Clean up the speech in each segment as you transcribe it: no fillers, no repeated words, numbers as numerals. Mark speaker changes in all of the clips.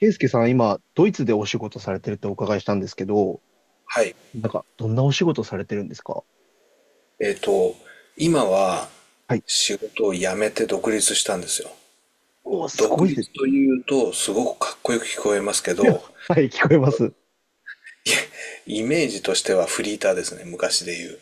Speaker 1: ケイスケさん、今、ドイツでお仕事されてるってお伺いしたんですけど、
Speaker 2: はい。
Speaker 1: どんなお仕事されてるんですか？
Speaker 2: えっと、今は
Speaker 1: はい。
Speaker 2: 仕事を辞めて独立したんですよ。
Speaker 1: おー、す
Speaker 2: 独
Speaker 1: ごいです。
Speaker 2: 立というとすごくかっこよく聞こえますけ
Speaker 1: いや、
Speaker 2: ど、
Speaker 1: はい、聞こえます。
Speaker 2: イメージとしてはフリーターですね、昔で言う。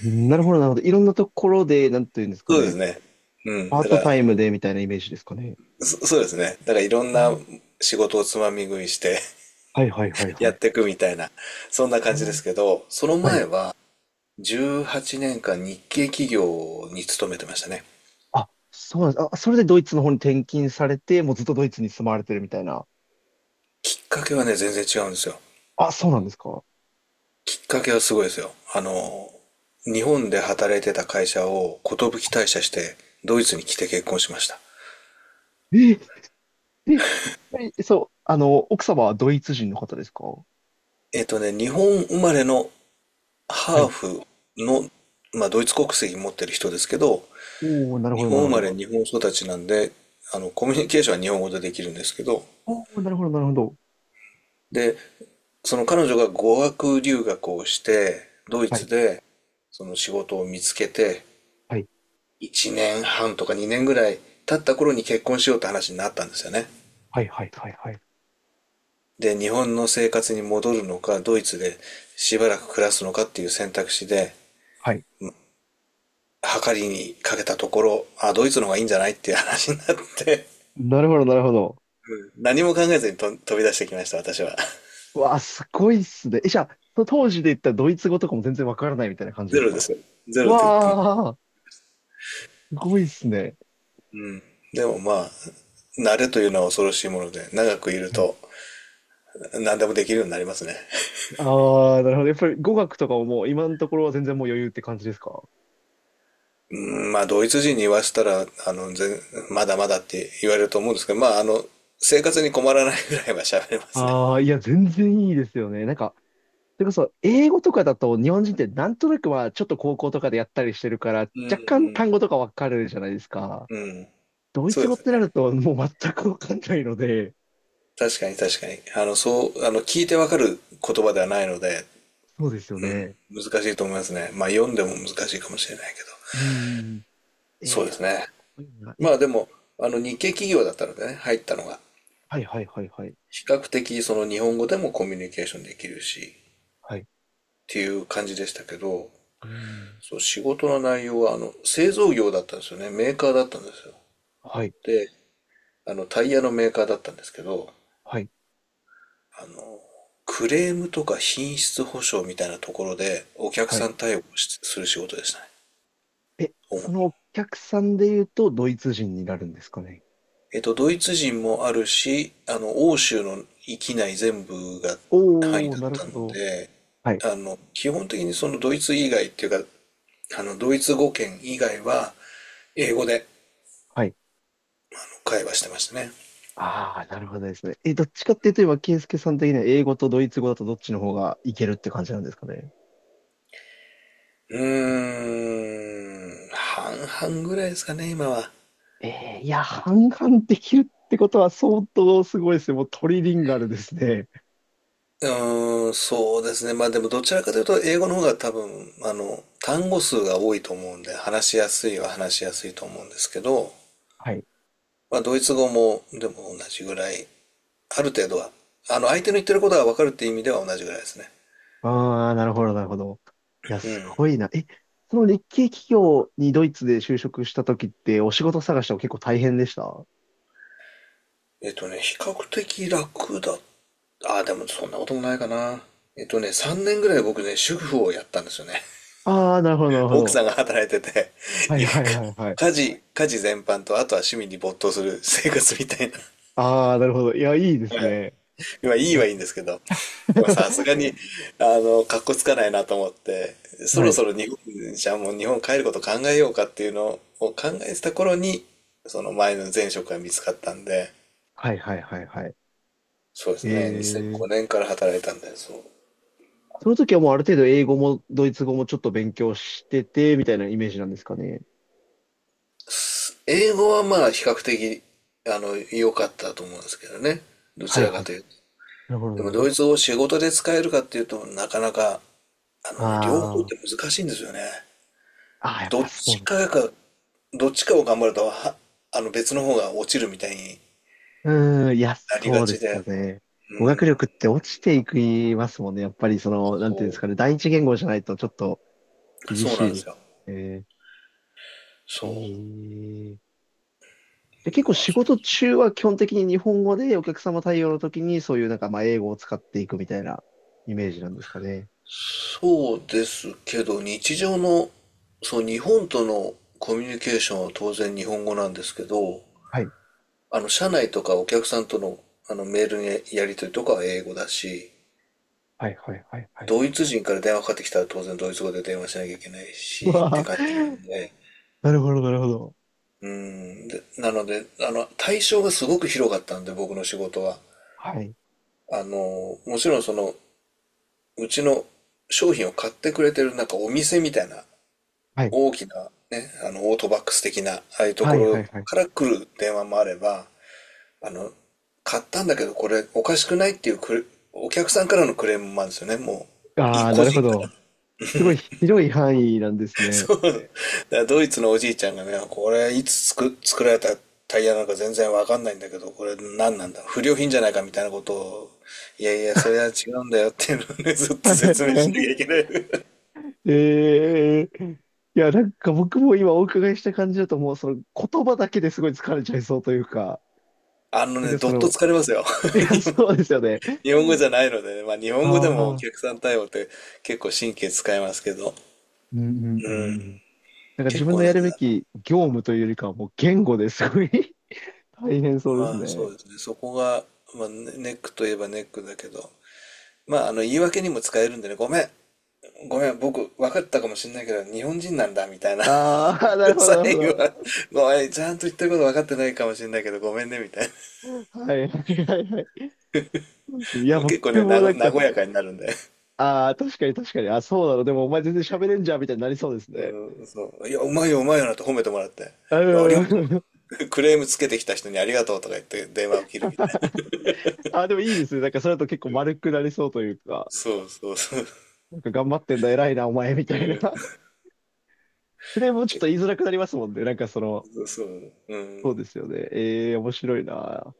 Speaker 1: なるほど、なるほど。いろんなところで、なんていうんですか
Speaker 2: そうです
Speaker 1: ね。
Speaker 2: ね。うん。
Speaker 1: パー
Speaker 2: だか
Speaker 1: ト
Speaker 2: ら、
Speaker 1: タイムでみたいなイメージですかね。
Speaker 2: そ、そうですね。だからいろん
Speaker 1: う
Speaker 2: な
Speaker 1: ん。
Speaker 2: 仕事をつまみ食いして
Speaker 1: はい、はい、はい、は
Speaker 2: や
Speaker 1: い。
Speaker 2: っていくみたいな、そんな感じで
Speaker 1: おー。
Speaker 2: すけど、その
Speaker 1: はい。
Speaker 2: 前は18年間日系企業に勤めてましたね。
Speaker 1: あ、そうなんです。あ、それでドイツの方に転勤されて、もうずっとドイツに住まわれてるみたいな。
Speaker 2: きっかけはね、全然違うんですよ。
Speaker 1: あ、そうなんですか。
Speaker 2: きっかけはすごいですよ。日本で働いてた会社を寿退社して、ドイツに来て結婚しました。
Speaker 1: え、え、え、そう、奥様はドイツ人の方ですか？
Speaker 2: えっとね、日本生まれの
Speaker 1: は
Speaker 2: ハー
Speaker 1: い。
Speaker 2: フの、まあ、ドイツ国籍持ってる人ですけど、
Speaker 1: おー、なる
Speaker 2: 日
Speaker 1: ほど、な
Speaker 2: 本
Speaker 1: る
Speaker 2: 生
Speaker 1: ほ
Speaker 2: ま
Speaker 1: ど。
Speaker 2: れ、日本育ちなんで、コミュニケーションは日本語でできるんですけど、
Speaker 1: おお、なるほど、なるほど。
Speaker 2: で、その彼女が語学留学をして、ドイ
Speaker 1: は
Speaker 2: ツ
Speaker 1: い、
Speaker 2: で、その仕事を見つけて、
Speaker 1: はい、
Speaker 2: 1年半とか2年ぐらい経った頃に結婚しようって話になったんですよね。
Speaker 1: はい、はい、はい、はい。
Speaker 2: で、日本の生活に戻るのか、ドイツでしばらく暮らすのかっていう選択肢で、
Speaker 1: はい。
Speaker 2: 計りにかけたところ、あ、ドイツの方がいいんじゃないっていう話になって
Speaker 1: なるほど、なるほど。
Speaker 2: 何も考えずにと飛び出してきました、私は。
Speaker 1: うわあ、すごいっすね。え、じゃあ、その当時で言ったドイツ語とかも全然わからないみたいな感 じで
Speaker 2: ゼ
Speaker 1: す
Speaker 2: ロで
Speaker 1: か？
Speaker 2: すよ。ゼ
Speaker 1: う
Speaker 2: ロで。
Speaker 1: わあ、すごいっすね。
Speaker 2: でもまあ、慣れというのは恐ろしいもので、長くいる
Speaker 1: はい。
Speaker 2: と何でもできるようになりますね。
Speaker 1: ああ、なるほど。やっぱり語学とかももう今のところは全然もう余裕って感じですか？
Speaker 2: うん、まあ、ドイツ人に言わせたら、まだまだって言われると思うんですけど、まあ、生活に困らないぐらいは喋れますね。
Speaker 1: ああ、いや、全然いいですよね。それこそ、英語とかだと日本人ってなんとなく、まあ、ちょっと高校とかでやったりしてるから、若干単語とかわかるじゃないですか。
Speaker 2: うん。
Speaker 1: ドイ
Speaker 2: そ
Speaker 1: ツ
Speaker 2: うで
Speaker 1: 語っ
Speaker 2: すね。
Speaker 1: てなるともう全くわかんないので、
Speaker 2: 確かに確かに。聞いてわかる言葉ではないので、
Speaker 1: そうですよね。
Speaker 2: 難しいと思いますね。まあ、読んでも難しいかもしれないけど。
Speaker 1: うん。
Speaker 2: そう
Speaker 1: えー、
Speaker 2: です
Speaker 1: す
Speaker 2: ね。
Speaker 1: ごいな。
Speaker 2: ま
Speaker 1: え、
Speaker 2: あ、でも、あの、日系企業だったのでね、入ったのが。
Speaker 1: はいはいはいはい。
Speaker 2: 比較的、その日本語でもコミュニケーションできるし、っ
Speaker 1: はい。
Speaker 2: ていう感じでしたけど、
Speaker 1: うん。
Speaker 2: そう、仕事の内容は、製造業だったんですよね。メーカーだったんですよ。
Speaker 1: はい。
Speaker 2: で、あの、タイヤのメーカーだったんですけど、
Speaker 1: はい。
Speaker 2: あの、クレームとか品質保証みたいなところで、お客
Speaker 1: はい。
Speaker 2: さん対応をしする仕事でしたね。
Speaker 1: え、
Speaker 2: 主に。
Speaker 1: そのお客さんで言うと、ドイツ人になるんですかね。
Speaker 2: えっと、ドイツ人もあるし、欧州の域内全部が範囲
Speaker 1: おー、
Speaker 2: だっ
Speaker 1: なる
Speaker 2: た
Speaker 1: ほ
Speaker 2: ん
Speaker 1: ど。
Speaker 2: で、
Speaker 1: はい。
Speaker 2: 基本的にそのドイツ以外っていうか、あの、ドイツ語圏以外は、英語で
Speaker 1: はい。
Speaker 2: 会話してましたね。
Speaker 1: ああ、なるほどですね。え、どっちかっていうと、今、ス介さん的には英語とドイツ語だとどっちの方がいけるって感じなんですかね。
Speaker 2: うーん、半々ぐらいですかね、今は。
Speaker 1: えー、いや、半々できるってことは相当すごいですね。もうトリリンガルですね。
Speaker 2: うーん、そうですね。まあでもどちらかというと英語の方が多分、単語数が多いと思うんで、話しやすいは話しやすいと思うんですけど、
Speaker 1: はい。
Speaker 2: まあ、ドイツ語もでも同じぐらい、ある程度は、相手の言ってることが分かるっていう意味では同じぐらいですね。
Speaker 1: ああ、なるほど、なるほど。いや、すごいな。え、その日系企業にドイツで就職した時って、お仕事探しは結構大変でした？
Speaker 2: えっとね、比較的楽だ。ああ、でもそんなこともないかな。えっとね、3年ぐらい僕ね、主婦をやったんですよね。
Speaker 1: ああー、なるほど、なる ほ
Speaker 2: 奥
Speaker 1: ど。
Speaker 2: さんが働いてて、
Speaker 1: はい
Speaker 2: いうか、
Speaker 1: はいはいはい。
Speaker 2: 家事全般と、あとは趣味に没頭する生活みたいな。
Speaker 1: ああ、なるほど。いや、いいですね。
Speaker 2: 今いい
Speaker 1: は
Speaker 2: は
Speaker 1: い。
Speaker 2: いいんですけど、でもさす がに、かっこつかないなと思って、そ
Speaker 1: は
Speaker 2: ろ
Speaker 1: い
Speaker 2: そろ日本、じゃあもう日本帰ること考えようかっていうのを考えてた頃に、その前の前職が見つかったんで、
Speaker 1: はいはいはいはい。
Speaker 2: そうで
Speaker 1: え
Speaker 2: すね、2005
Speaker 1: ー、
Speaker 2: 年から働いたんで、そう。
Speaker 1: その時はもうある程度英語もドイツ語もちょっと勉強してて、みたいなイメージなんですかね。
Speaker 2: 英語はまあ比較的、良かったと思うんですけどね。ど
Speaker 1: は
Speaker 2: ち
Speaker 1: い
Speaker 2: ら
Speaker 1: は
Speaker 2: か
Speaker 1: い。
Speaker 2: というと。
Speaker 1: なるほど、な
Speaker 2: で
Speaker 1: る
Speaker 2: も
Speaker 1: ほ
Speaker 2: ド
Speaker 1: ど。
Speaker 2: イツ語を仕事で使えるかっていうとなかなか、あのね、両方って
Speaker 1: あ
Speaker 2: 難しいんですよね。
Speaker 1: あ、ああ、やっ
Speaker 2: ど
Speaker 1: ぱ
Speaker 2: っ
Speaker 1: そう
Speaker 2: ち
Speaker 1: な。
Speaker 2: かが、どっちかを頑張ると、は、あの別の方が落ちるみたいに
Speaker 1: うーん、いや、
Speaker 2: なりが
Speaker 1: そうで
Speaker 2: ち
Speaker 1: すよ
Speaker 2: で、
Speaker 1: ね。語学力って落ちていきますもんね。やっぱりその、なんていうん
Speaker 2: そ
Speaker 1: ですかね、
Speaker 2: う。
Speaker 1: 第一言語じゃないとちょっと厳
Speaker 2: そう
Speaker 1: し
Speaker 2: なん
Speaker 1: い
Speaker 2: で
Speaker 1: で
Speaker 2: す
Speaker 1: す
Speaker 2: よ。
Speaker 1: ね。え
Speaker 2: そ
Speaker 1: ー、で、結
Speaker 2: う。
Speaker 1: 構
Speaker 2: まあ、
Speaker 1: 仕
Speaker 2: そ
Speaker 1: 事中は基本的に日本語でお客様対応の時にそういうまあ英語を使っていくみたいなイメージなんですかね。
Speaker 2: そうですけど、日常の、そう、日本とのコミュニケーションは当然日本語なんですけど、
Speaker 1: はい。
Speaker 2: 社内とかお客さんとの、メールのやり取りとかは英語だし、
Speaker 1: はいはいはいはい。
Speaker 2: ドイツ人から電話かかってきたら当然ドイツ語で電話しなきゃいけない
Speaker 1: う
Speaker 2: し、って
Speaker 1: わ
Speaker 2: 感じな
Speaker 1: ー。
Speaker 2: んで、
Speaker 1: なるほど、なるほど。
Speaker 2: うで、なので、対象がすごく広かったんで、僕の仕事は。
Speaker 1: はい。
Speaker 2: もちろんその、うちの商品を買ってくれてるなんかお店みたいな、
Speaker 1: はい。
Speaker 2: 大きなね、オートバックス的な、ああいうと
Speaker 1: は
Speaker 2: こ
Speaker 1: い、は
Speaker 2: ろ
Speaker 1: い、はい。
Speaker 2: から来る電話もあれば、あの、買ったんだけどこれおかしくないっていうお客さんからのクレームもあるんですよね、もう。
Speaker 1: ああ、な
Speaker 2: 個
Speaker 1: る
Speaker 2: 人
Speaker 1: ほ
Speaker 2: から。
Speaker 1: ど。すごい広い範囲なんです ね。
Speaker 2: そう。だからドイツのおじいちゃんがね、これいつ作、作られたタイヤなのか全然わかんないんだけど、これ何なんだ不良品じゃないかみたいなことを、いやいや、それは違うんだよっていうのをね、ずっと
Speaker 1: はい、は
Speaker 2: 説明しなきゃ
Speaker 1: い、
Speaker 2: いけない。
Speaker 1: ええ。いや、僕も今お伺いした感じだともうその言葉だけですごい疲れちゃいそうというか、
Speaker 2: あの
Speaker 1: なん
Speaker 2: ね、
Speaker 1: か
Speaker 2: ど
Speaker 1: そ
Speaker 2: っと
Speaker 1: の、
Speaker 2: 疲れますよ。
Speaker 1: いや、そうですよね。
Speaker 2: 日本語じゃないのでね、まあ日
Speaker 1: あ
Speaker 2: 本語でもお
Speaker 1: あ、
Speaker 2: 客さん対応って結構神経使いますけど、
Speaker 1: うんうんう
Speaker 2: う
Speaker 1: んう
Speaker 2: ん。
Speaker 1: ん。なんか自
Speaker 2: 結
Speaker 1: 分の
Speaker 2: 構ね、
Speaker 1: やるべき業務というよりかはもう言語ですごい 大変そうです
Speaker 2: まあそ
Speaker 1: ね。
Speaker 2: うですね、そこが、まあ、ネックといえばネックだけど、言い訳にも使えるんでね、ごめん、ごめん、僕、分かったかもしれないけど、日本人なんだ、みたいな。
Speaker 1: ああ、なる ほど、
Speaker 2: 最
Speaker 1: なるほ
Speaker 2: 後
Speaker 1: ど。
Speaker 2: は、ごめん、ちゃんと言ってること分かってないかもしれないけど、ごめんね、みたいな。
Speaker 1: はいはいはいはい。そうですね。い
Speaker 2: で
Speaker 1: や、
Speaker 2: も
Speaker 1: 僕
Speaker 2: 結構ね、
Speaker 1: もなんか、
Speaker 2: 和やかになるんで。
Speaker 1: ああ、確かに確かに、あ、そうなの、でもお前全然喋れんじゃんみたいになりそうですね。
Speaker 2: うん、そう。いや、うまいよ、うまいよなって褒めてもらって。いや、ありが
Speaker 1: う
Speaker 2: と
Speaker 1: ん。
Speaker 2: う。クレームつけてきた人にありがとうとか言って電話を切るみたいな。
Speaker 1: あ、でもいいですね。なんかそれだと結構丸くなりそうというか、
Speaker 2: そうそうそう。
Speaker 1: なんか頑張ってんだ、偉いな、お前、み
Speaker 2: う
Speaker 1: たいな。
Speaker 2: ん。
Speaker 1: フレームもちょっ
Speaker 2: け、
Speaker 1: と言いづらくなりますもんね。
Speaker 2: そうそう。うん。
Speaker 1: そうですよね。ええ、面白いな。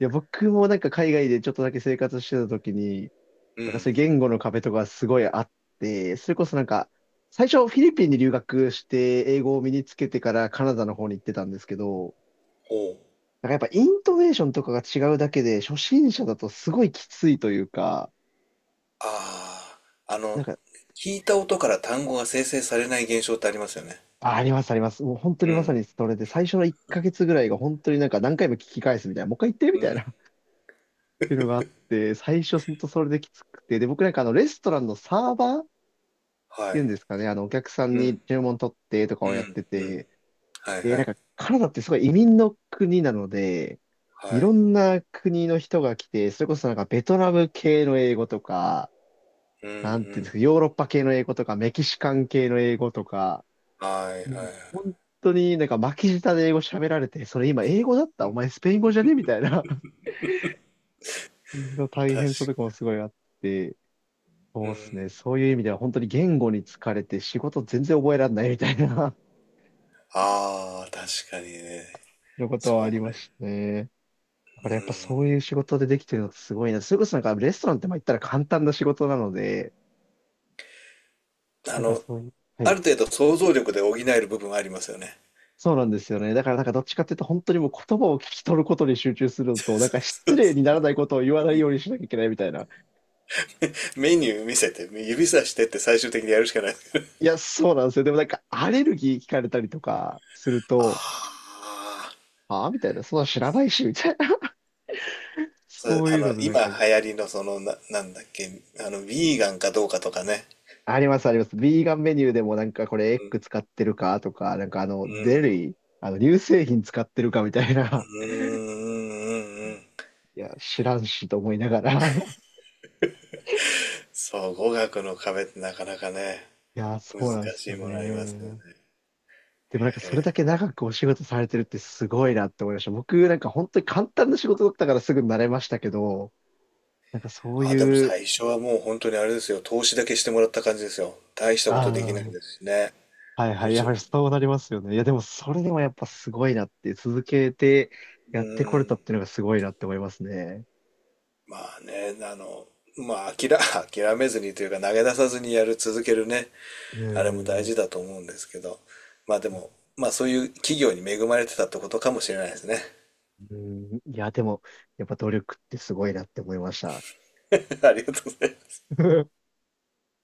Speaker 1: いや、僕も海外でちょっとだけ生活してた時に、
Speaker 2: うん。
Speaker 1: そういう言語の壁とかすごいあって、それこそなんか、最初フィリピンに留学して英語を身につけてからカナダの方に行ってたんですけど、
Speaker 2: ほう。
Speaker 1: なんかやっぱイントネーションとかが違うだけで、初心者だとすごいきついというか、
Speaker 2: ああ、あ
Speaker 1: な
Speaker 2: の、
Speaker 1: んか
Speaker 2: 聞いた音から単語が生成されない現象ってありますよね。
Speaker 1: あ、あります、あります。もう本当に
Speaker 2: う
Speaker 1: まさ
Speaker 2: ん。
Speaker 1: にそれで、最初の1ヶ月ぐらいが本当に何回も聞き返すみたいな、もう一回言ってみたいな っていうのがあって、最初本当それできつくて、で、僕、レストランのサーバーっ
Speaker 2: は
Speaker 1: ていうん
Speaker 2: い。
Speaker 1: ですかね、あのお客さん
Speaker 2: うん。
Speaker 1: に注文取ってとか
Speaker 2: う
Speaker 1: をやっ
Speaker 2: ん、
Speaker 1: て
Speaker 2: うん。
Speaker 1: て、
Speaker 2: はい
Speaker 1: で、
Speaker 2: は
Speaker 1: なん
Speaker 2: い。
Speaker 1: かカナダってすごい移民の国なので、い
Speaker 2: は
Speaker 1: ろ
Speaker 2: い。
Speaker 1: んな国の人が来て、それこそなんかベトナム系の英語とか、
Speaker 2: うんう
Speaker 1: なんていうんです
Speaker 2: ん。
Speaker 1: か、ヨーロッパ系の英語とか、メキシカン系の英語とか、
Speaker 2: はい
Speaker 1: もう
Speaker 2: はいはい。
Speaker 1: 本当になんか巻き舌で英語喋られて、それ今英語だったお前スペイン語じゃねみたいな の
Speaker 2: 確
Speaker 1: 大変さとかも
Speaker 2: か
Speaker 1: すごいあって、
Speaker 2: う
Speaker 1: そうです
Speaker 2: ん。
Speaker 1: ね。そういう意味では本当に言語に疲れて仕事全然覚えられないみたいな
Speaker 2: ああ、確かにね。
Speaker 1: のことはあ
Speaker 2: そ
Speaker 1: りま
Speaker 2: れ、
Speaker 1: したね。だ
Speaker 2: う
Speaker 1: からやっぱ
Speaker 2: ん。
Speaker 1: そういう仕事でできてるのってすごいな。それこそなんかレストランってまあ言ったら簡単な仕事なので、
Speaker 2: あ
Speaker 1: なんか
Speaker 2: の、
Speaker 1: そういう、は
Speaker 2: あ
Speaker 1: い。
Speaker 2: る程度想像力で補える部分はありますよね。
Speaker 1: そうなんですよね。だからなんかどっちかっていうと本当にもう言葉を聞き取ることに集中するのと、なんか失礼にならないことを言わないようにしなきゃいけないみたいな。
Speaker 2: メニュー見せて、指さしてって最終的にやるしかない。
Speaker 1: いや、そうなんですよ。でもなんか、アレルギー聞かれたりとかする と、
Speaker 2: ああ。
Speaker 1: ああ、みたいな、そんな知らないし、みたいな。
Speaker 2: それ、
Speaker 1: そう
Speaker 2: あ
Speaker 1: いう
Speaker 2: の、
Speaker 1: のでなん
Speaker 2: 今
Speaker 1: かもう、
Speaker 2: 流行りのその、なんだっけ、ビーガンかどうかとかね。
Speaker 1: あります、あります。ビーガンメニューでもなんかこれエッグ使ってるかとか、
Speaker 2: う
Speaker 1: デ
Speaker 2: ん。
Speaker 1: リー、あの、乳製品使ってるかみたいな。
Speaker 2: うんうんうんうん。
Speaker 1: いや、知らんしと思いながら。
Speaker 2: そう、語学の壁ってなかなかね。
Speaker 1: いや、
Speaker 2: 難
Speaker 1: そうなんです
Speaker 2: し
Speaker 1: よ
Speaker 2: いものありますよね。
Speaker 1: ね。でもなんかそれ
Speaker 2: え
Speaker 1: だ
Speaker 2: ー
Speaker 1: け長くお仕事されてるってすごいなって思いました。僕なんか本当に簡単な仕事だったからすぐ慣れましたけど、なんかそう
Speaker 2: あ、でも
Speaker 1: いう、
Speaker 2: 最初はもう本当にあれですよ。投資だけしてもらった感じですよ。大したことできない
Speaker 1: ああ、
Speaker 2: ですしね。
Speaker 1: はいは
Speaker 2: も
Speaker 1: い。
Speaker 2: ち
Speaker 1: や
Speaker 2: ろ
Speaker 1: は
Speaker 2: ん。
Speaker 1: りそうなりますよね。いや、でもそれでもやっぱすごいなって、続けて
Speaker 2: う
Speaker 1: やってこれた
Speaker 2: ん。
Speaker 1: っていうのがすごいなって思いますね。
Speaker 2: まあね、あの、まあ諦、諦めずにというか投げ出さずにやる、続けるね。
Speaker 1: うー
Speaker 2: あれも大
Speaker 1: ん。
Speaker 2: 事
Speaker 1: う
Speaker 2: だと思うんですけど。まあでも、まあそういう企業に恵まれてたってことかもしれないですね。
Speaker 1: ーん。いや、でも、やっぱ努力ってすごいなって思いました。
Speaker 2: ありがとうございます。